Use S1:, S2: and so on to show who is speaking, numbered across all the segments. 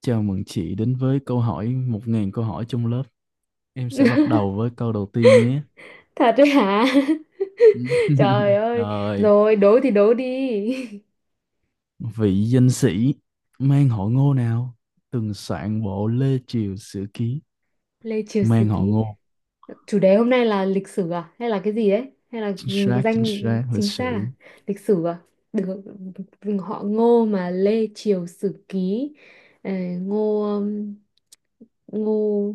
S1: Chào mừng chị đến với câu hỏi 1.000 câu hỏi trong lớp. Em sẽ bắt đầu với câu đầu tiên nhé.
S2: Thật đấy hả? Trời ơi.
S1: Rồi,
S2: Rồi, đố thì đố đi.
S1: vị danh sĩ mang họ Ngô nào từng soạn bộ Lê Triều Sử Ký,
S2: Lê Triều Sử
S1: mang họ
S2: Ký.
S1: Ngô.
S2: Chủ đề hôm nay là lịch sử à? Hay là cái gì đấy? Hay là
S1: Chính
S2: danh
S1: xác, lịch
S2: chính xác
S1: sử.
S2: à? Lịch sử à? Được, họ Ngô mà Lê Triều Sử Ký. Ờ, Ngô Ngô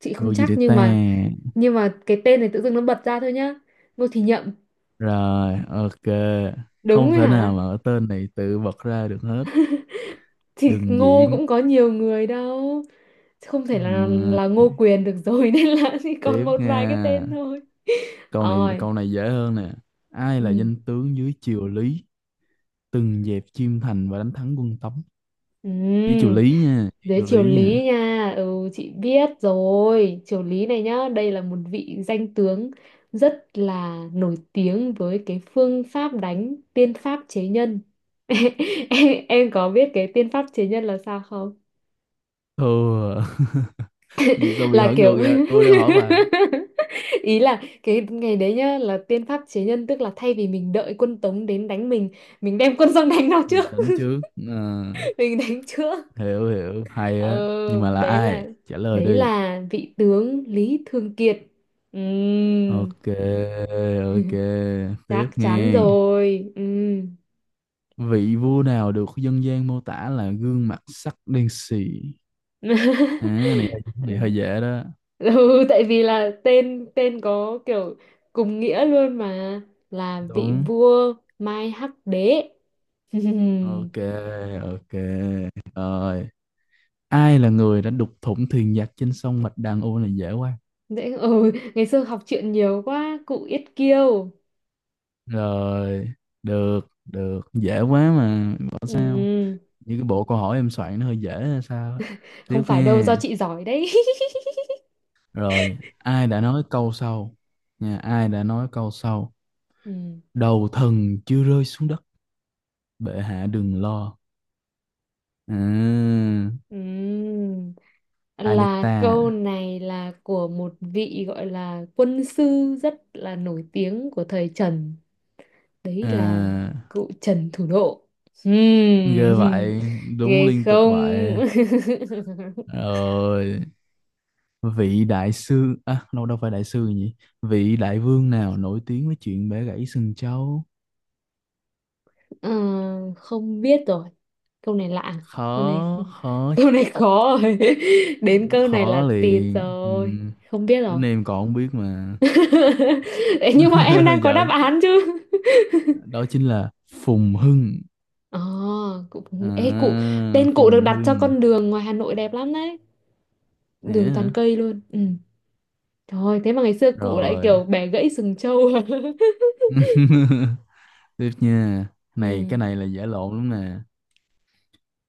S2: chị
S1: Ngô
S2: không
S1: gì
S2: chắc
S1: để
S2: nhưng
S1: ta?
S2: mà cái tên này tự dưng nó bật ra thôi nhá. Ngô Thì Nhậm.
S1: Rồi, ok.
S2: Đúng
S1: Không
S2: rồi
S1: thể nào
S2: hả?
S1: mà ở tên này tự bật ra được hết.
S2: Thì
S1: Đừng
S2: Ngô
S1: diễn.
S2: cũng có nhiều người đâu. Không thể là
S1: Ừm,
S2: là Ngô Quyền được rồi nên là chỉ còn
S1: tiếp
S2: một vài cái
S1: nha.
S2: tên thôi.
S1: Câu này
S2: Rồi,
S1: câu này dễ hơn nè. Ai là
S2: ừ.
S1: danh tướng dưới triều Lý từng dẹp Chiêm Thành và đánh thắng quân Tống? Với triều
S2: Ừ.
S1: Lý nha, với
S2: Dưới
S1: triều
S2: triều
S1: Lý nha.
S2: Lý nha, chị biết rồi, triều Lý này nhá, đây là một vị danh tướng rất là nổi tiếng với cái phương pháp đánh tiên pháp chế nhân. Em có biết cái tiên pháp chế nhân là sao không
S1: Thưa, vì sao bị
S2: là
S1: hỏi ngược
S2: kiểu
S1: vậy, tôi đang hỏi bà.
S2: ý là cái ngày đấy nhá là tiên pháp chế nhân tức là thay vì mình đợi quân Tống đến đánh mình đem quân sang đánh nó trước
S1: Bình tĩnh trước. Ờ,
S2: mình đánh trước
S1: hiểu hiểu, hay
S2: ờ,
S1: á, nhưng mà là
S2: đấy là
S1: ai trả lời
S2: đấy
S1: đi.
S2: là vị tướng Lý Thường Kiệt. Ừm,
S1: Ok, ok, tiếp
S2: chắc chắn
S1: nghe.
S2: rồi. Ừm.
S1: Vị vua nào được dân gian mô tả là gương mặt sắc đen xì? À, này, hơi dễ đó.
S2: Ừ, tại vì là tên tên có kiểu cùng nghĩa luôn mà, là vị
S1: Đúng.
S2: vua Mai Hắc Đế.
S1: Ok, ok, rồi. Ai là người đã đục thủng thuyền giặc trên sông Bạch Đằng? Ô, này dễ quá.
S2: Dễ, ừ, ngày xưa học truyện nhiều quá, cụ Yết Kiêu.
S1: Rồi, được, được, dễ quá mà bảo sao,
S2: Ừ,
S1: như cái bộ câu hỏi em soạn nó hơi dễ hay sao á.
S2: không
S1: Tiếp
S2: phải đâu, do
S1: nghe.
S2: chị giỏi đấy.
S1: Rồi ai đã nói câu sau, nha, ai đã nói câu sau:
S2: Ừ,
S1: đầu thần chưa rơi xuống đất, bệ hạ đừng lo? À,
S2: ừ. Là
S1: Alita.
S2: câu này là của một vị gọi là quân sư rất là nổi tiếng của thời Trần. Đấy là
S1: À,
S2: cụ Trần Thủ Độ. Ừ,
S1: ghê vậy, đúng
S2: ghê
S1: liên tục
S2: không?
S1: vậy. Rồi vị đại sư, à, đâu đâu phải đại sư nhỉ, vị đại vương nào nổi tiếng với chuyện bẻ gãy sừng trâu?
S2: Ờ, không biết rồi, câu này lạ, câu này
S1: Khó,
S2: không,
S1: khó,
S2: câu này khó rồi. Đến câu này
S1: khó
S2: là tịt
S1: liền. Ừ,
S2: rồi, không biết rồi.
S1: đến em còn không biết mà.
S2: Ê, nhưng mà em đang có đáp
S1: Giỡn.
S2: án chứ.
S1: Đó chính là Phùng Hưng.
S2: Ờ, cụ,
S1: À,
S2: ê cụ, tên cụ được
S1: Phùng
S2: đặt cho
S1: Hưng.
S2: con đường ngoài Hà Nội đẹp lắm đấy,
S1: Nhé
S2: đường toàn
S1: hả.
S2: cây luôn. Ừ, trời ơi, thế mà ngày xưa cụ lại
S1: Rồi.
S2: kiểu bẻ gãy sừng trâu.
S1: Tiếp nha. Này,
S2: Ừ.
S1: cái này là giả lộn lắm nè.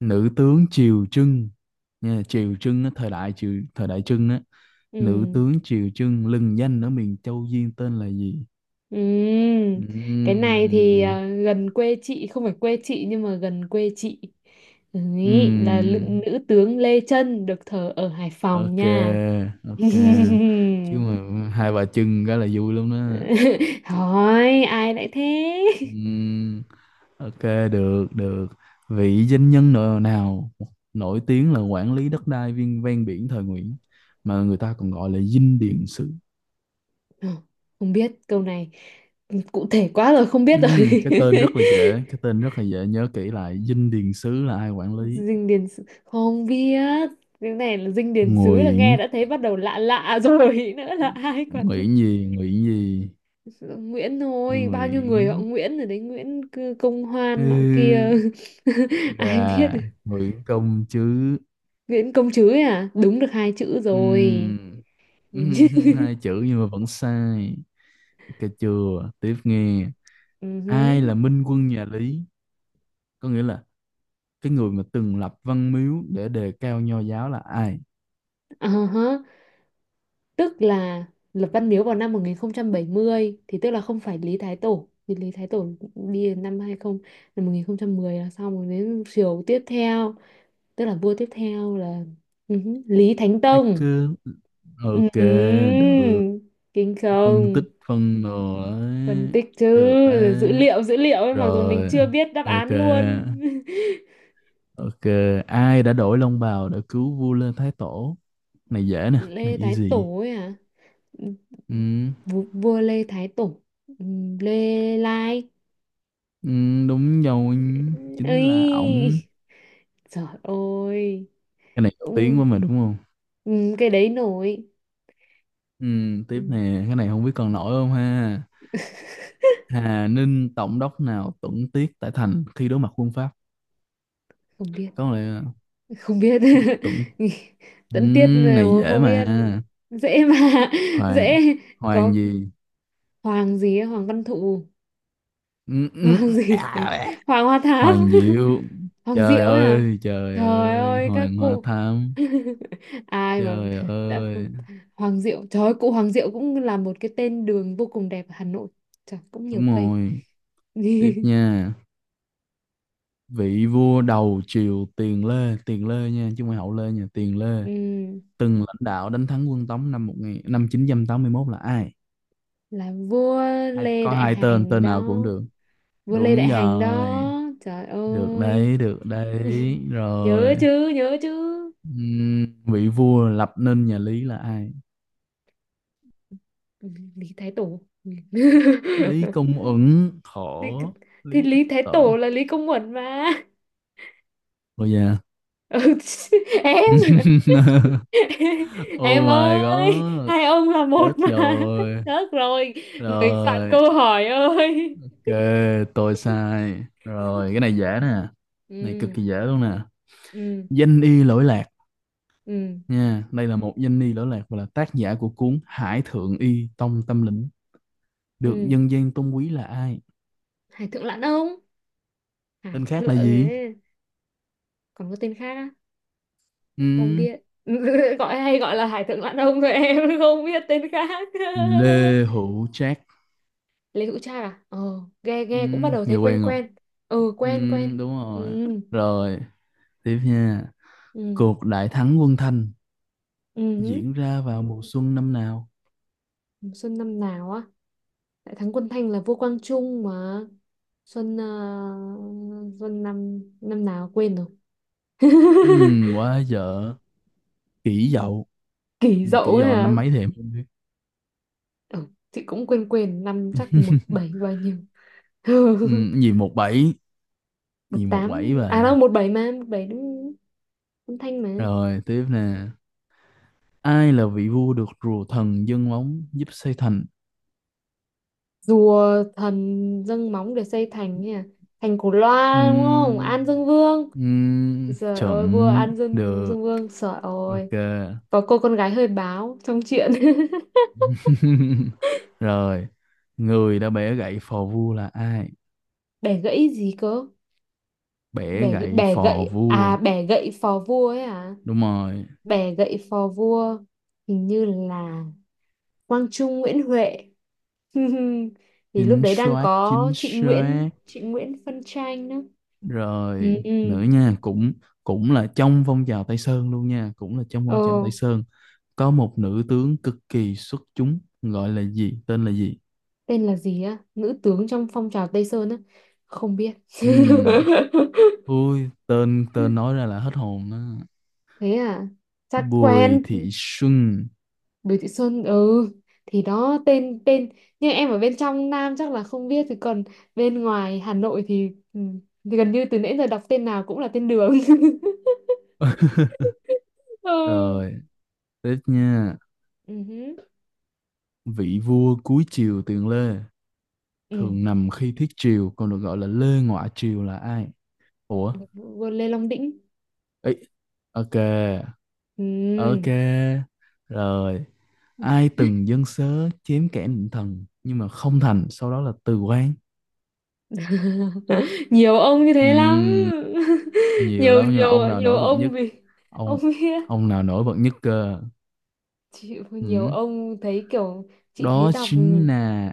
S1: Nữ tướng Triều Trưng nha, Triều Trưng á, thời đại Trưng á, nữ
S2: Ừ.
S1: tướng Triều Trưng lừng danh ở miền Châu Duyên tên là gì?
S2: Ừm, cái này thì
S1: Ừm,
S2: à, gần quê chị, không phải quê chị nhưng mà gần quê chị. Đấy, là
S1: ừm,
S2: nữ tướng Lê Trân được thờ ở Hải Phòng
S1: ok,
S2: nha.
S1: ok, chứ mà hai bà Trưng cái là vui lắm đó.
S2: Hỏi ai lại thế.
S1: Ừm, ok, được, được. Vị danh nhân nào nổi tiếng là quản lý đất đai viên ven biển thời Nguyễn mà người ta còn gọi là dinh điện sử?
S2: Ờ, không biết câu này, cụ thể quá rồi, không biết
S1: Ừ,
S2: rồi.
S1: ừ, cái tên rất là dễ, cái tên rất là dễ nhớ kỹ lại. Dinh Điền Sứ là ai quản lý?
S2: Dinh điền sứ không biết, cái này là dinh điền xứ là
S1: Nguyễn
S2: nghe đã thấy bắt đầu lạ lạ rồi nữa là ai quản lý.
S1: Nguyễn gì? Nguyễn gì?
S2: Nguyễn thôi, bao nhiêu
S1: Nguyễn,
S2: người họ Nguyễn rồi đấy, Nguyễn Công Hoan nọ kia.
S1: ừ,
S2: Ai biết.
S1: gà. Nguyễn Công chứ.
S2: Nguyễn Công Trứ ấy à, đúng được hai chữ rồi,
S1: Ừ. Ừ,
S2: nhìn chứ.
S1: hai chữ nhưng mà vẫn sai. Cà chừa, tiếp nghe.
S2: Ừ hứ.
S1: Ai là minh quân nhà Lý? Có nghĩa là cái người mà từng lập văn miếu để đề cao nho giáo là ai?
S2: Ờ hớ. Tức là lập Văn Miếu vào năm 1070 thì tức là không phải Lý Thái Tổ, vì Lý Thái Tổ đi đến năm 20, năm 1010 là xong, rồi đến triều tiếp theo, tức là vua tiếp theo là Lý Thánh
S1: Ai
S2: Tông.
S1: cứ ok
S2: Ừm,
S1: được.
S2: kinh
S1: Phân
S2: không?
S1: tích phân đồ
S2: Phân
S1: đấy,
S2: tích chứ.
S1: được
S2: dữ
S1: đấy
S2: liệu dữ liệu ấy, mặc dù mình
S1: rồi.
S2: chưa biết đáp án luôn.
S1: Ok, ok. Ai đã đổi long bào để cứu vua Lê Thái Tổ? Này dễ nè, này
S2: Lê Thái
S1: easy.
S2: Tổ ấy à.
S1: Ừ.
S2: Vua Lê Thái Tổ. Lê Lai
S1: Ừ, đúng rồi, chính là ổng.
S2: ấy, trời ơi,
S1: Cái này nổi tiếng
S2: cũng
S1: quá mà đúng không?
S2: cái đấy nổi.
S1: Ừ, tiếp
S2: Ừm,
S1: nè, cái này không biết còn nổi không ha. Hà Ninh tổng đốc nào tuẫn tiết tại thành khi đối mặt quân Pháp?
S2: không biết,
S1: Có lẽ
S2: không biết.
S1: là tuẫn. Ừ,
S2: Tận tiết là
S1: này dễ
S2: không
S1: mà.
S2: biết, dễ mà
S1: hoàng
S2: dễ.
S1: hoàng
S2: Có
S1: gì
S2: Hoàng gì ấy, Hoàng Văn Thụ.
S1: Ừ, ừ,
S2: Hoàng gì?
S1: à,
S2: Hoàng Hoa Thám.
S1: Hoàng Diệu.
S2: Hoàng
S1: Trời
S2: Diệu ấy à?
S1: ơi, trời
S2: Trời
S1: ơi,
S2: ơi các
S1: Hoàng Hoa
S2: cụ.
S1: Thám,
S2: Ai mà
S1: trời
S2: đã
S1: ơi.
S2: Hoàng Diệu, trời ơi, cụ Hoàng Diệu cũng là một cái tên đường vô cùng đẹp ở Hà Nội. Trời cũng nhiều
S1: Đúng
S2: cây.
S1: rồi. Tiếp nha. Vị vua đầu triều Tiền Lê, Tiền Lê nha chứ không phải Hậu Lê nha, Tiền Lê,
S2: Ừm,
S1: từng lãnh đạo đánh thắng quân Tống năm 1981 là ai?
S2: là vua
S1: Ai
S2: Lê
S1: có
S2: Đại
S1: hai tên,
S2: Hành
S1: tên nào cũng
S2: đó.
S1: được.
S2: Vua Lê
S1: Đúng
S2: Đại Hành
S1: rồi,
S2: đó. Trời
S1: được
S2: ơi.
S1: đấy, được đấy
S2: Nhớ
S1: rồi.
S2: chứ, nhớ chứ.
S1: Vị vua lập nên nhà Lý là ai?
S2: Ừ, Lý Thái Tổ. Ừ.
S1: Lý Công Uẩn
S2: thì,
S1: khổ.
S2: thì
S1: Lý Thái
S2: Lý Thái Tổ
S1: Tổ.
S2: là Lý Công Uẩn mà.
S1: Ôi da.
S2: Ừ, em em
S1: Oh my
S2: ơi,
S1: god.
S2: hai ông là
S1: Chết
S2: một mà.
S1: rồi.
S2: Được rồi, người soạn
S1: Rồi.
S2: câu hỏi ơi.
S1: Ok, tôi sai rồi. Cái này dễ nè. Này cực
S2: Ừ.
S1: kỳ dễ luôn nè.
S2: Ừ.
S1: Danh y lỗi lạc,
S2: Ừ.
S1: nha, đây là một danh y lỗi lạc và là tác giả của cuốn Hải Thượng Y Tông Tâm Lĩnh, được
S2: Ừ.
S1: dân gian tôn quý, là ai?
S2: Hải Thượng Lãn Ông, Hải
S1: Tên khác
S2: Thượng
S1: là gì?
S2: ấy. Còn có tên khác á, không
S1: Ừ.
S2: biết. Gọi hay gọi là Hải Thượng Lãn Ông thôi em, không biết tên khác.
S1: Lê Hữu Trác.
S2: Lê Hữu Trác à, ờ, nghe
S1: Ừ.
S2: nghe cũng bắt đầu
S1: Nghe
S2: thấy quen
S1: quen không?
S2: quen. Ừ,
S1: Ừ.
S2: quen quen.
S1: Đúng
S2: Ừ.
S1: rồi. Rồi, tiếp nha.
S2: Ừ.
S1: Cuộc đại thắng quân Thanh
S2: Ừ.
S1: diễn ra vào mùa xuân năm nào?
S2: Xuân năm nào á? Đại thắng quân Thanh là vua Quang Trung mà. Xuân Xuân năm năm nào quên rồi.
S1: Quá dở. Kỷ Dậu.
S2: Kỷ
S1: Nhưng mà
S2: Dậu
S1: Kỷ
S2: ấy
S1: Dậu là
S2: à.
S1: năm mấy thì em không biết.
S2: Ừ, chị cũng quên quên năm chắc một bảy bao nhiêu.
S1: Gì 17,
S2: Một
S1: gì
S2: tám.
S1: 17
S2: À đâu
S1: bà.
S2: một bảy mà, một bảy đúng, quân Thanh mà.
S1: Rồi, tiếp nè. Ai là vị vua được rùa thần dâng móng giúp xây thành?
S2: Rùa thần dâng móng để xây thành ấy à. Thành Cổ Loa đúng không?
S1: Ừm,
S2: An Dương Vương. Trời ơi, vua
S1: chuẩn
S2: An
S1: được.
S2: Dương Vương, trời
S1: Ok.
S2: ơi. Có cô con gái hơi báo trong chuyện.
S1: Rồi, người đã bẻ gậy phò vua là ai?
S2: Bẻ gãy gì cơ?
S1: Bẻ gậy
S2: Bẻ
S1: phò
S2: gậy, à
S1: vua
S2: bẻ gậy phò vua ấy à?
S1: đúng rồi.
S2: Bẻ gậy phò vua, hình như là Quang Trung Nguyễn Huệ. Thì lúc
S1: Chính
S2: đấy đang
S1: xác,
S2: có
S1: chính xác,
S2: Trịnh Nguyễn phân tranh nữa. Ừ,
S1: rồi
S2: ừ.
S1: nữa nha, cũng, cũng là trong phong trào Tây Sơn luôn nha, cũng là trong
S2: Ờ,
S1: phong trào Tây Sơn có một nữ tướng cực kỳ xuất chúng gọi là gì, tên là gì?
S2: tên là gì á? Nữ tướng trong phong trào Tây Sơn á? Không biết.
S1: Ừm, ui, tên tên nói ra là hết hồn đó.
S2: Thế à? Chắc
S1: Bùi
S2: quen.
S1: Thị Xuân.
S2: Bùi Thị Xuân. Ừ thì đó, tên tên nhưng em ở bên trong Nam chắc là không biết, thì còn bên ngoài Hà Nội thì, ừ, thì gần như từ nãy giờ đọc tên nào cũng là tên đường. Ừ.
S1: Rồi tiếp nha,
S2: Ừ. Hứ,
S1: vị vua cuối triều tiền Lê
S2: ừ.
S1: thường nằm khi thiết triều còn được gọi là Lê ngoại Triều là ai? Ủa.
S2: Vua Lê Long Đĩnh.
S1: Ấy. Ok.
S2: Ừ.
S1: Ok, rồi. Ai từng dâng sớ chém kẻ định thần nhưng mà không thành, sau đó là từ quan?
S2: Nhiều ông như thế lắm.
S1: Ừm, nhiều
S2: Nhiều,
S1: lắm nhưng mà ông
S2: nhiều.
S1: nào
S2: Nhiều
S1: nổi bật
S2: ông
S1: nhất?
S2: vì
S1: Ông
S2: ông biết,
S1: ông nào nổi bật nhất cơ?
S2: chị nhiều
S1: Ừm,
S2: ông thấy kiểu chị thấy
S1: đó
S2: đọc
S1: chính là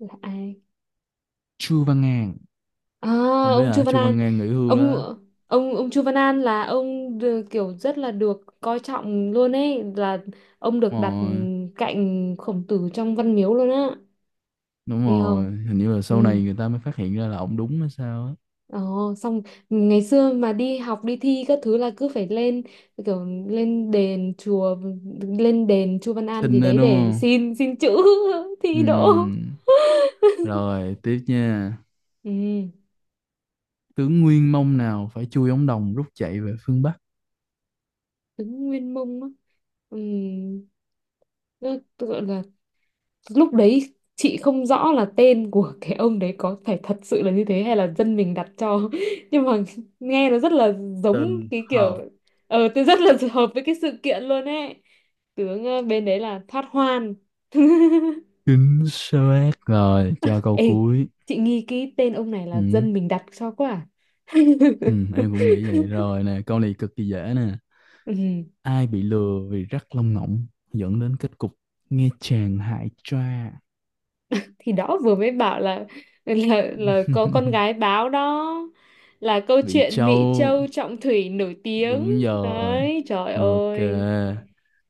S2: là ai.
S1: Chu Văn An.
S2: À,
S1: Không biết
S2: ông Chu
S1: là
S2: Văn
S1: Chu
S2: An.
S1: Văn An nghỉ hưu
S2: ông
S1: đó.
S2: ông Chu Văn An là ông kiểu rất là được coi trọng luôn ấy, là ông được
S1: Đúng
S2: đặt
S1: rồi,
S2: cạnh Khổng Tử trong Văn Miếu luôn á.
S1: đúng
S2: Nghe không?
S1: rồi, hình như là sau
S2: Ừ.
S1: này người ta mới phát hiện ra là ông đúng hay sao á.
S2: Ồ, xong ngày xưa mà đi học đi thi các thứ là cứ phải lên kiểu lên đền chùa, lên đền Chu Văn An gì
S1: Xinh đó đúng
S2: đấy để
S1: không?
S2: xin xin chữ. Thi đỗ.
S1: Ừm, rồi tiếp nha.
S2: Ừ
S1: Tướng Nguyên Mông nào phải chui ống đồng rút chạy về phương Bắc?
S2: đúng Nguyên Mông á. Ừ. Nó gọi là, lúc đấy chị không rõ là tên của cái ông đấy có phải thật sự là như thế hay là dân mình đặt cho nhưng mà nghe nó rất là giống
S1: Tên
S2: cái kiểu
S1: hợp.
S2: tôi rất là hợp với cái sự kiện luôn ấy. Tướng bên đấy là Thoát Hoan.
S1: Chính xác rồi, cho câu
S2: Ê,
S1: cuối.
S2: chị nghi cái tên ông này là
S1: Ừ.
S2: dân mình đặt cho quá à?
S1: Ừ, em cũng nghĩ vậy rồi nè, câu này cực kỳ dễ nè.
S2: Ừ.
S1: Ai bị lừa vì rắc lông ngỗng dẫn đến kết cục nghe chàng hại cha?
S2: Thì đó vừa mới bảo là là có con gái báo đó, là câu
S1: Vị
S2: chuyện Mỹ
S1: Châu,
S2: Châu Trọng Thủy nổi tiếng.
S1: đúng rồi.
S2: Đấy trời
S1: Ok,
S2: ơi.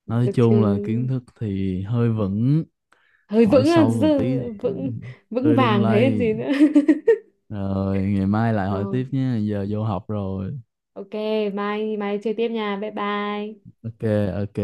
S1: nói
S2: Được chứ,
S1: chung là kiến thức thì hơi vững,
S2: hơi
S1: hỏi
S2: vững á,
S1: sâu một tí thì
S2: vững, vững
S1: hơi lung
S2: vàng thế còn
S1: lay.
S2: gì nữa.
S1: Rồi, ngày mai lại hỏi
S2: Rồi,
S1: tiếp nhé, giờ vô học rồi.
S2: ok, mai mai chơi tiếp nha, bye bye.
S1: Ok, ok.